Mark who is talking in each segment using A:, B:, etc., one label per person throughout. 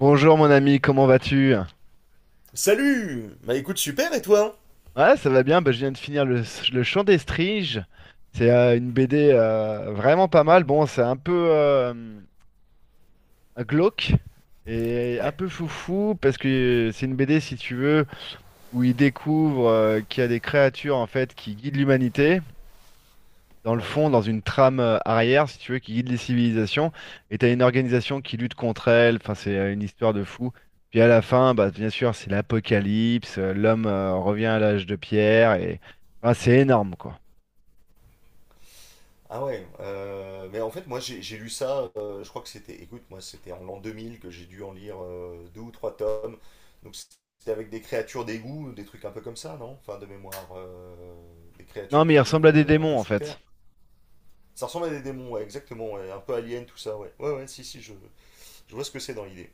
A: Bonjour mon ami, comment vas-tu?
B: Salut, bah écoute, super, et toi?
A: Ouais, ça va bien, bah, je viens de finir le Chant des Striges. C'est une BD vraiment pas mal. Bon, c'est un peu glauque et un
B: Ouais.
A: peu foufou parce que c'est une BD, si tu veux, où il découvre qu'il y a des créatures en fait qui guident l'humanité, dans le
B: Ouais.
A: fond, dans une trame arrière, si tu veux, qui guide les civilisations. Et t'as une organisation qui lutte contre elle. Enfin, c'est une histoire de fou. Puis à la fin, bah, bien sûr, c'est l'apocalypse. L'homme revient à l'âge de pierre. Et enfin, c'est énorme, quoi.
B: Ah ouais. Mais en fait, moi, j'ai lu ça, je crois que c'était, écoute, moi, c'était en l'an 2000 que j'ai dû en lire deux ou trois tomes. Donc, c'était avec des créatures d'égout, des trucs un peu comme ça, non? Enfin, de mémoire. Des
A: Non,
B: créatures
A: mais il
B: qui vivent
A: ressemble à des
B: un peu
A: démons, en
B: sous terre.
A: fait.
B: Ça ressemble à des démons, ouais, exactement. Ouais, un peu alien, tout ça, ouais. Ouais, ouais, si, si, je vois ce que c'est dans l'idée.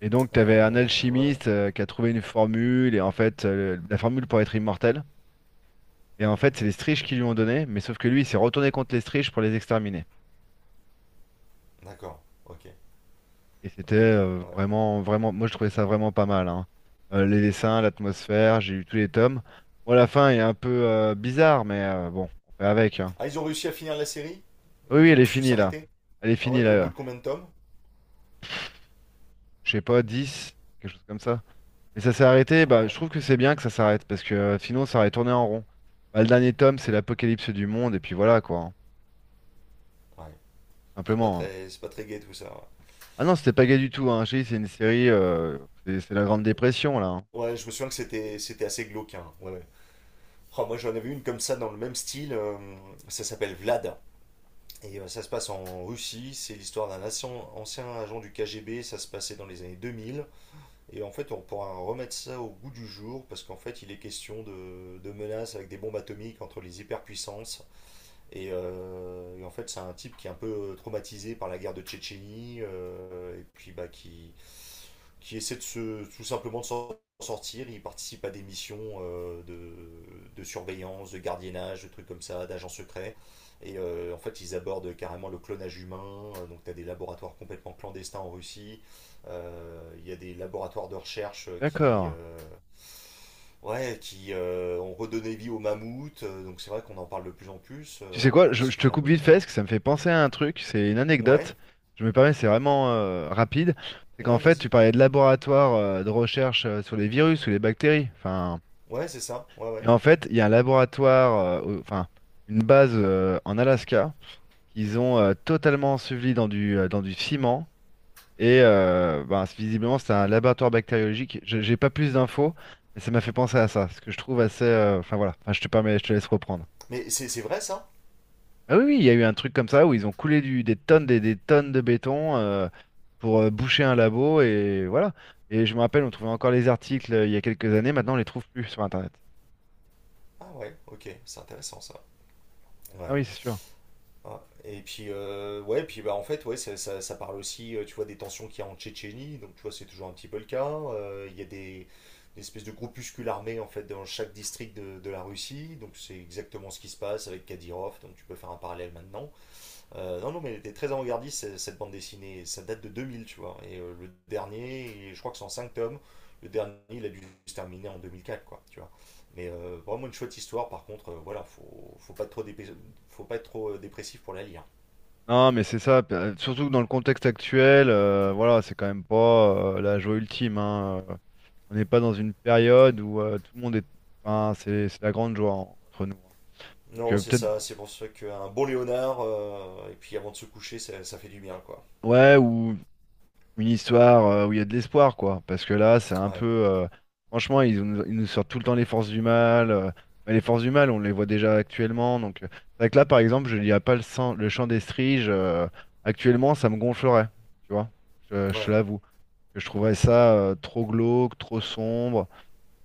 A: Et donc, t'avais un
B: Ouais, ouais.
A: alchimiste qui a trouvé une formule. Et en fait, la formule pour être immortel. Et en fait,
B: Mhm.
A: c'est les Striges qui lui ont donné. Mais sauf que lui, il s'est retourné contre les Striges pour les exterminer.
B: D'accord. Ok.
A: Et c'était
B: Ok, ok. Ouais.
A: vraiment, vraiment, moi je trouvais ça vraiment pas mal, hein. Les dessins, l'atmosphère, j'ai lu tous les tomes. Bon, la fin est un peu bizarre, mais bon, on fait avec, hein.
B: Ah, ils ont réussi à finir la série?
A: Oui, oui,
B: Ils
A: elle
B: ont
A: est
B: su
A: finie là.
B: s'arrêter?
A: Elle est
B: Ah
A: finie
B: ouais,
A: là.
B: au bout de combien de tomes?
A: Je sais pas, 10, quelque chose comme ça. Mais ça s'est arrêté,
B: Ah
A: bah, je
B: ouais,
A: trouve que c'est bien que ça s'arrête, parce que sinon ça aurait tourné en rond. Bah, le dernier tome, c'est l'apocalypse du monde, et puis voilà quoi, hein.
B: ouais.
A: Simplement, hein.
B: C'est pas très gai tout ça.
A: Ah non, c'était pas gay du tout, hein. J'ai dit, c'est une série, c'est la Grande Dépression là, hein.
B: Ouais, ouais, je me souviens que c'était assez glauque, hein. Ouais, ouais. Oh, moi j'en avais une comme ça dans le même style. Ça s'appelle Vlad. Et ça se passe en Russie. C'est l'histoire d'un ancien, ancien agent du KGB. Ça se passait dans les années 2000. Et en fait, on pourra remettre ça au goût du jour parce qu'en fait, il est question de menaces avec des bombes atomiques entre les hyperpuissances. Et en fait, c'est un type qui est un peu traumatisé par la guerre de Tchétchénie, et puis bah, qui essaie tout simplement de s'en sortir. Il participe à des missions de surveillance, de gardiennage, de trucs comme ça, d'agents secrets. Et en fait, ils abordent carrément le clonage humain. Donc, tu as des laboratoires complètement clandestins en Russie. Il y a des laboratoires de recherche
A: D'accord.
B: ouais, qui ont redonné vie aux mammouths. Donc, c'est vrai qu'on en parle de plus en plus.
A: Tu
B: Euh,
A: sais
B: on
A: quoi,
B: pourra en
A: je te
B: discuter un
A: coupe
B: peu
A: vite
B: plus
A: fait
B: tard.
A: parce que ça me fait penser à un truc, c'est une
B: Ouais,
A: anecdote. Je me permets, c'est vraiment rapide. C'est qu'en
B: ouais,
A: fait, tu
B: vas-y.
A: parlais de laboratoire de recherche sur les virus ou les bactéries. Enfin,
B: Ouais, c'est ça. Ouais,
A: et
B: ouais.
A: en fait, il y a un laboratoire, enfin, une base en Alaska qu'ils ont totalement enseveli dans dans du ciment. Et visiblement, c'est un laboratoire bactériologique. J'ai pas plus d'infos, mais ça m'a fait penser à ça, ce que je trouve assez. Enfin voilà, enfin, je te permets, je te laisse reprendre.
B: Mais c'est vrai ça?
A: Ah oui, oui, il y a eu un truc comme ça où ils ont des tonnes, des tonnes de béton pour boucher un labo et voilà. Et je me rappelle, on trouvait encore les articles il y a quelques années, maintenant on les trouve plus sur Internet.
B: Ah ouais, ok, c'est intéressant ça.
A: Ah
B: Ouais.
A: oui, c'est sûr.
B: Ah, et puis, ouais, puis bah, en fait, ouais, ça parle aussi, tu vois, des tensions qu'il y a en Tchétchénie, donc tu vois, c'est toujours un petit peu le cas. Il y a des espèces de groupuscules armés, en fait, dans chaque district de la Russie, donc c'est exactement ce qui se passe avec Kadyrov, donc tu peux faire un parallèle maintenant. Non, non, mais elle était très avant-gardiste, cette bande dessinée. Ça date de 2000, tu vois. Et le dernier, je crois que c'est en 5 tomes. Le dernier, il a dû se terminer en 2004, quoi, tu vois. Mais vraiment une chouette histoire, par contre, voilà, faut pas être trop dépressif pour la lire.
A: Non, mais c'est ça. Surtout que dans le contexte actuel, voilà, c'est quand même pas la joie ultime, hein. On n'est pas dans une période où tout le monde est. Enfin, c'est la grande joie entre nous, hein. Donc
B: Non, c'est
A: peut-être,
B: ça, c'est pour ça qu'un bon Léonard, et puis avant de se coucher, ça fait du bien, quoi.
A: ouais, ou une histoire où il y a de l'espoir, quoi. Parce que là, c'est un peu.
B: Ouais,
A: Franchement, ils nous sortent tout le temps les forces du mal. Mais les forces du mal, on les voit déjà actuellement. Donc, c'est vrai que là, par exemple, je lirais pas le chant des striges. Actuellement, ça me gonflerait. Tu vois, je te
B: ouais.
A: l'avoue. Que Je trouverais ça trop glauque, trop sombre.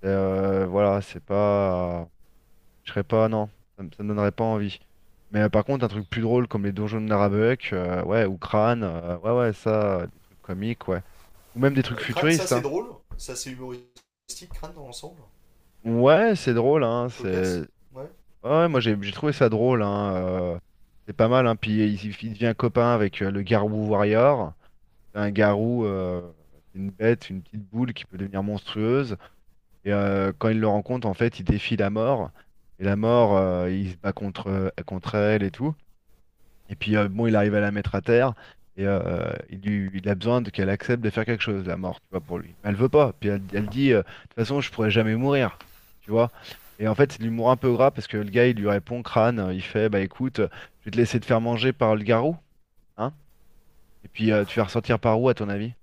A: Voilà, c'est pas. Je serais pas, non, ça me donnerait pas envie. Mais par contre, un truc plus drôle comme les donjons de Narabeuk, ouais, ou Crâne, ouais, ouais, ça, des trucs comiques, ouais. Ou même des trucs
B: Crâne, ça
A: futuristes,
B: c'est
A: hein.
B: drôle, ça c'est humoristique, Crâne dans l'ensemble,
A: Ouais, c'est drôle, hein,
B: une
A: c'est...
B: cocasse,
A: Ouais,
B: ouais.
A: ouais, moi j'ai trouvé ça drôle, hein. euh, c'est pas mal, hein. Puis il il devient copain avec le Garou Warrior. C'est un garou, c'est une bête, une petite boule qui peut devenir monstrueuse. Et quand il le rencontre, en fait, il défie la mort. Et la
B: Mhm.
A: mort, il se bat contre elle et tout. Et puis bon, il arrive à la mettre à terre et il a besoin qu'elle accepte de faire quelque chose, la mort, tu vois, pour lui. Mais elle veut pas. Puis elle dit, de toute façon, je pourrais jamais mourir, tu vois. Et en fait, c'est de l'humour un peu gras parce que le gars, il lui répond crâne, il fait, bah écoute, je vais te laisser te faire manger par le garrot, hein. Et puis tu vas ressortir par où, à ton avis?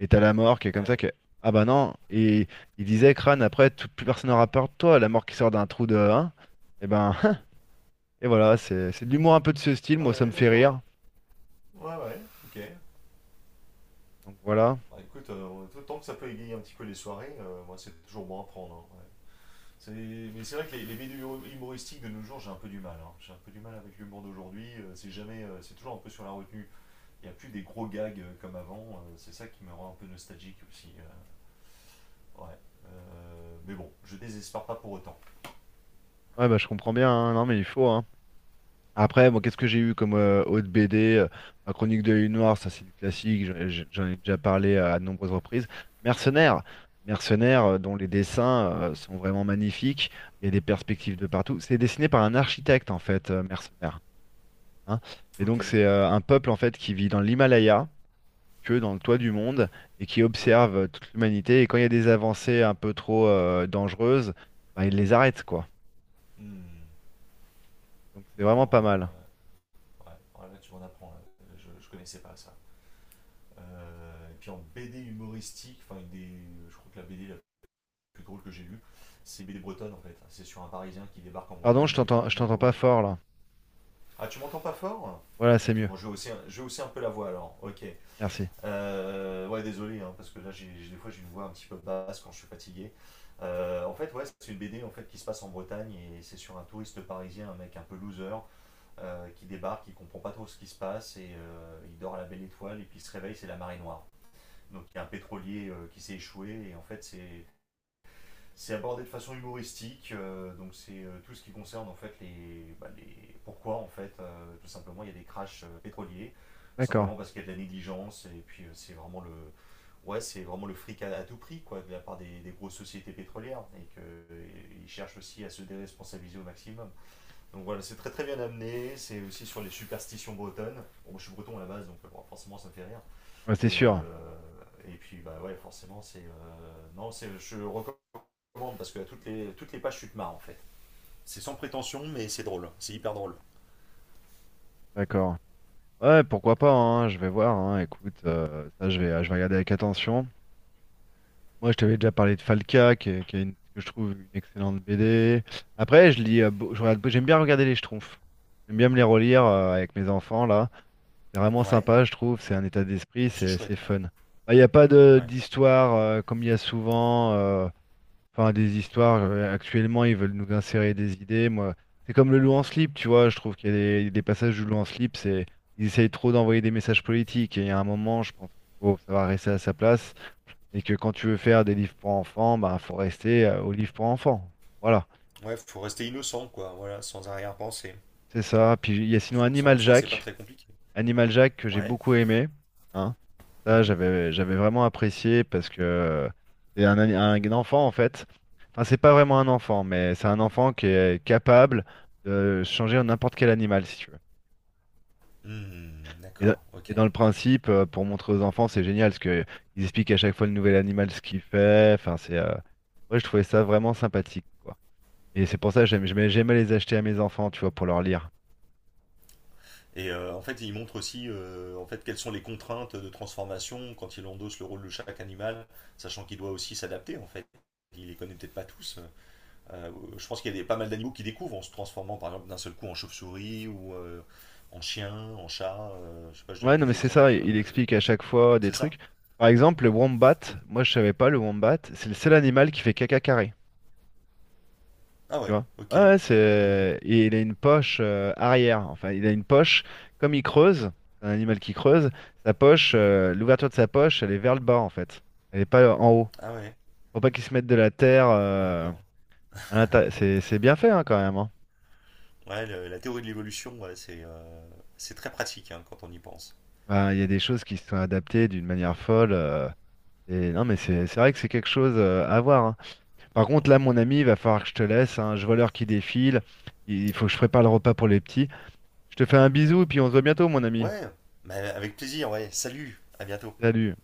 A: Et t'as la mort qui est
B: Ah
A: comme ça
B: oui.
A: que, ah bah non. Et il disait crâne, après, tout, plus personne n'aura peur de toi, la mort qui sort d'un trou de, hein. Et ben, et voilà, c'est de l'humour un peu de ce style.
B: Ah
A: Moi, ça
B: ouais,
A: me fait
B: d'accord.
A: rire.
B: Ouais, ouais, ok.
A: Donc voilà.
B: Bah, écoute, tant que ça peut égayer un petit peu les soirées, moi c'est toujours bon à prendre, hein, ouais. C'est- Mais c'est vrai que les vidéos humoristiques de nos jours, j'ai un peu du mal, hein. J'ai un peu du mal avec l'humour d'aujourd'hui. C'est jamais, c'est toujours un peu sur la retenue. Il n'y a plus des gros gags comme avant. C'est ça qui me rend un peu nostalgique aussi, ouais. Mais bon, je désespère pas pour autant.
A: Ouais, bah, je comprends bien, hein. Non, mais il faut, hein. Après, moi, qu'est-ce que j'ai eu comme autre BD? Ma chronique de l'œil noir, ça c'est du classique, j'en ai déjà parlé à de nombreuses reprises. Mercenaires, Mercenaires dont les dessins sont vraiment magnifiques, il y a des perspectives de partout. C'est dessiné par un architecte, en fait, Mercenaires, hein. Et
B: Ok.
A: donc, c'est un peuple, en fait, qui vit dans l'Himalaya, que dans le toit du monde, et qui observe toute l'humanité. Et quand il y a des avancées un peu trop dangereuses, bah, il les arrêtent quoi.
B: Hmm.
A: Donc, c'est vraiment
B: D'accord,
A: pas
B: ouais.
A: mal.
B: Ouais, ouais. Ouais, là, tu m'en apprends là. Je connaissais pas ça. Et puis en BD humoristique, enfin, je crois que la BD plus drôle que j'ai lu. C'est BD bretonne en fait. C'est sur un Parisien qui débarque en
A: Pardon,
B: Bretagne, il est
A: je
B: complètement
A: t'entends pas
B: paumé.
A: fort là.
B: Ah, tu m'entends pas fort?
A: Voilà, c'est mieux.
B: Bon, je vais aussi un peu la voix alors. Ok.
A: Merci.
B: Ouais, désolé, hein, parce que là, des fois, j'ai une voix un petit peu basse quand je suis fatigué. En fait, ouais, c'est une BD en fait qui se passe en Bretagne et c'est sur un touriste parisien, un mec un peu loser, qui débarque, qui comprend pas trop ce qui se passe et il dort à la belle étoile et puis il se réveille, c'est la marée noire. Donc il y a un pétrolier qui s'est échoué et en fait c'est abordé de façon humoristique, donc c'est tout ce qui concerne en fait bah, les pourquoi en fait tout simplement il y a des crashs pétroliers,
A: D'accord.
B: simplement parce qu'il y a de la négligence et puis c'est vraiment le ouais, c'est vraiment le fric à tout prix quoi de la part des grosses sociétés pétrolières et qu'ils cherchent aussi à se déresponsabiliser au maximum. Donc voilà c'est très très bien amené, c'est aussi sur les superstitions bretonnes. Bon, moi, je suis breton à la base donc bon, forcément ça me fait rire
A: Ouais, c'est
B: et euh,
A: sûr.
B: et puis bah ouais forcément c'est non c'est je recommande parce que toutes les pages, tu te marres en fait. C'est sans prétention, mais c'est drôle. C'est hyper drôle.
A: D'accord. Ouais, pourquoi pas, hein, je vais voir, hein. Écoute, ça, je vais regarder avec attention. Moi, je t'avais déjà parlé de Falca, qui est que je trouve une excellente BD. Après, je lis, beau- je regarde- j'aime bien regarder les Schtroumpfs. J'aime bien me les relire avec mes enfants là. C'est vraiment
B: Ouais.
A: sympa, je trouve. C'est un état d'esprit,
B: Oh, c'est
A: c'est
B: chouette, ouais.
A: fun. Bah, il n'y a pas de
B: Ouais.
A: d'histoire comme il y a souvent. Enfin, des histoires, actuellement, ils veulent nous insérer des idées. Moi, c'est comme le loup en slip, tu vois. Je trouve qu'il y a des passages du loup en slip, c'est, ils essayent trop d'envoyer des messages politiques. Et il y a un moment, je pense qu'il faut savoir rester à sa place. Et que quand tu veux faire des livres pour enfants, bah, faut rester aux livres pour enfants. Voilà,
B: Ouais, faut rester innocent, quoi. Voilà, sans arrière-pensée.
A: c'est ça. Puis il y a
B: Je
A: sinon
B: trouve que ça, en
A: Animal
B: soi, c'est pas
A: Jack.
B: très compliqué.
A: Animal Jack que j'ai
B: Ouais.
A: beaucoup aimé. Hein. Ça,
B: Mhm.
A: j'avais vraiment apprécié parce que c'est un, un enfant en fait. Enfin, c'est pas vraiment un enfant, mais c'est un enfant qui est capable de changer en n'importe quel animal si tu veux.
B: Hmm,
A: Et, dans
B: d'accord, ok.
A: et dans le principe, pour montrer aux enfants, c'est génial parce que ils expliquent à chaque fois le nouvel animal ce qu'il fait. Enfin, c'est ouais, je trouvais ça vraiment sympathique, quoi. Et c'est pour ça que j'aimais les acheter à mes enfants, tu vois, pour leur lire.
B: Et en fait, il montre aussi en fait, quelles sont les contraintes de transformation quand il endosse le rôle de chaque animal, sachant qu'il doit aussi s'adapter, en fait. Il les connaît peut-être pas tous. Euh, je pense qu'il y a pas mal d'animaux qui découvrent en se transformant par exemple d'un seul coup en chauve-souris ou en chien, en chat. Je sais pas, je donne
A: Ouais, non, mais
B: des
A: c'est ça,
B: exemples.
A: il
B: euh,
A: explique à chaque fois des
B: c'est ça?
A: trucs. Par exemple, le wombat, moi je savais pas, le wombat, c'est le seul animal qui fait caca carré.
B: Ah
A: Tu
B: ouais,
A: vois? Ouais,
B: ok.
A: ouais,
B: Mhm,
A: c'est... Et il a une poche arrière. Enfin, il a une poche, comme il creuse, c'est un animal qui creuse, sa poche,
B: mhm.
A: l'ouverture de sa poche, elle est vers le bas, en fait. Elle est pas en haut.
B: Ah ouais,
A: Faut pas qu'il se mette de la terre
B: ah d'accord.
A: à l'intérieur. C'est bien fait, hein, quand même, hein.
B: Ouais, la théorie de l'évolution, ouais, c'est très pratique, hein, quand on y pense.
A: Enfin, il y a des choses qui se sont adaptées d'une manière folle. Et non, mais c'est vrai que c'est quelque chose à voir, hein. Par contre, là, mon ami, il va falloir que je te laisse, hein. Je vois l'heure qui défile. Il faut que je prépare le repas pour les petits. Je te fais un bisou et puis on se voit bientôt, mon ami.
B: Ouais, mais avec plaisir, ouais. Salut, à bientôt.
A: Salut.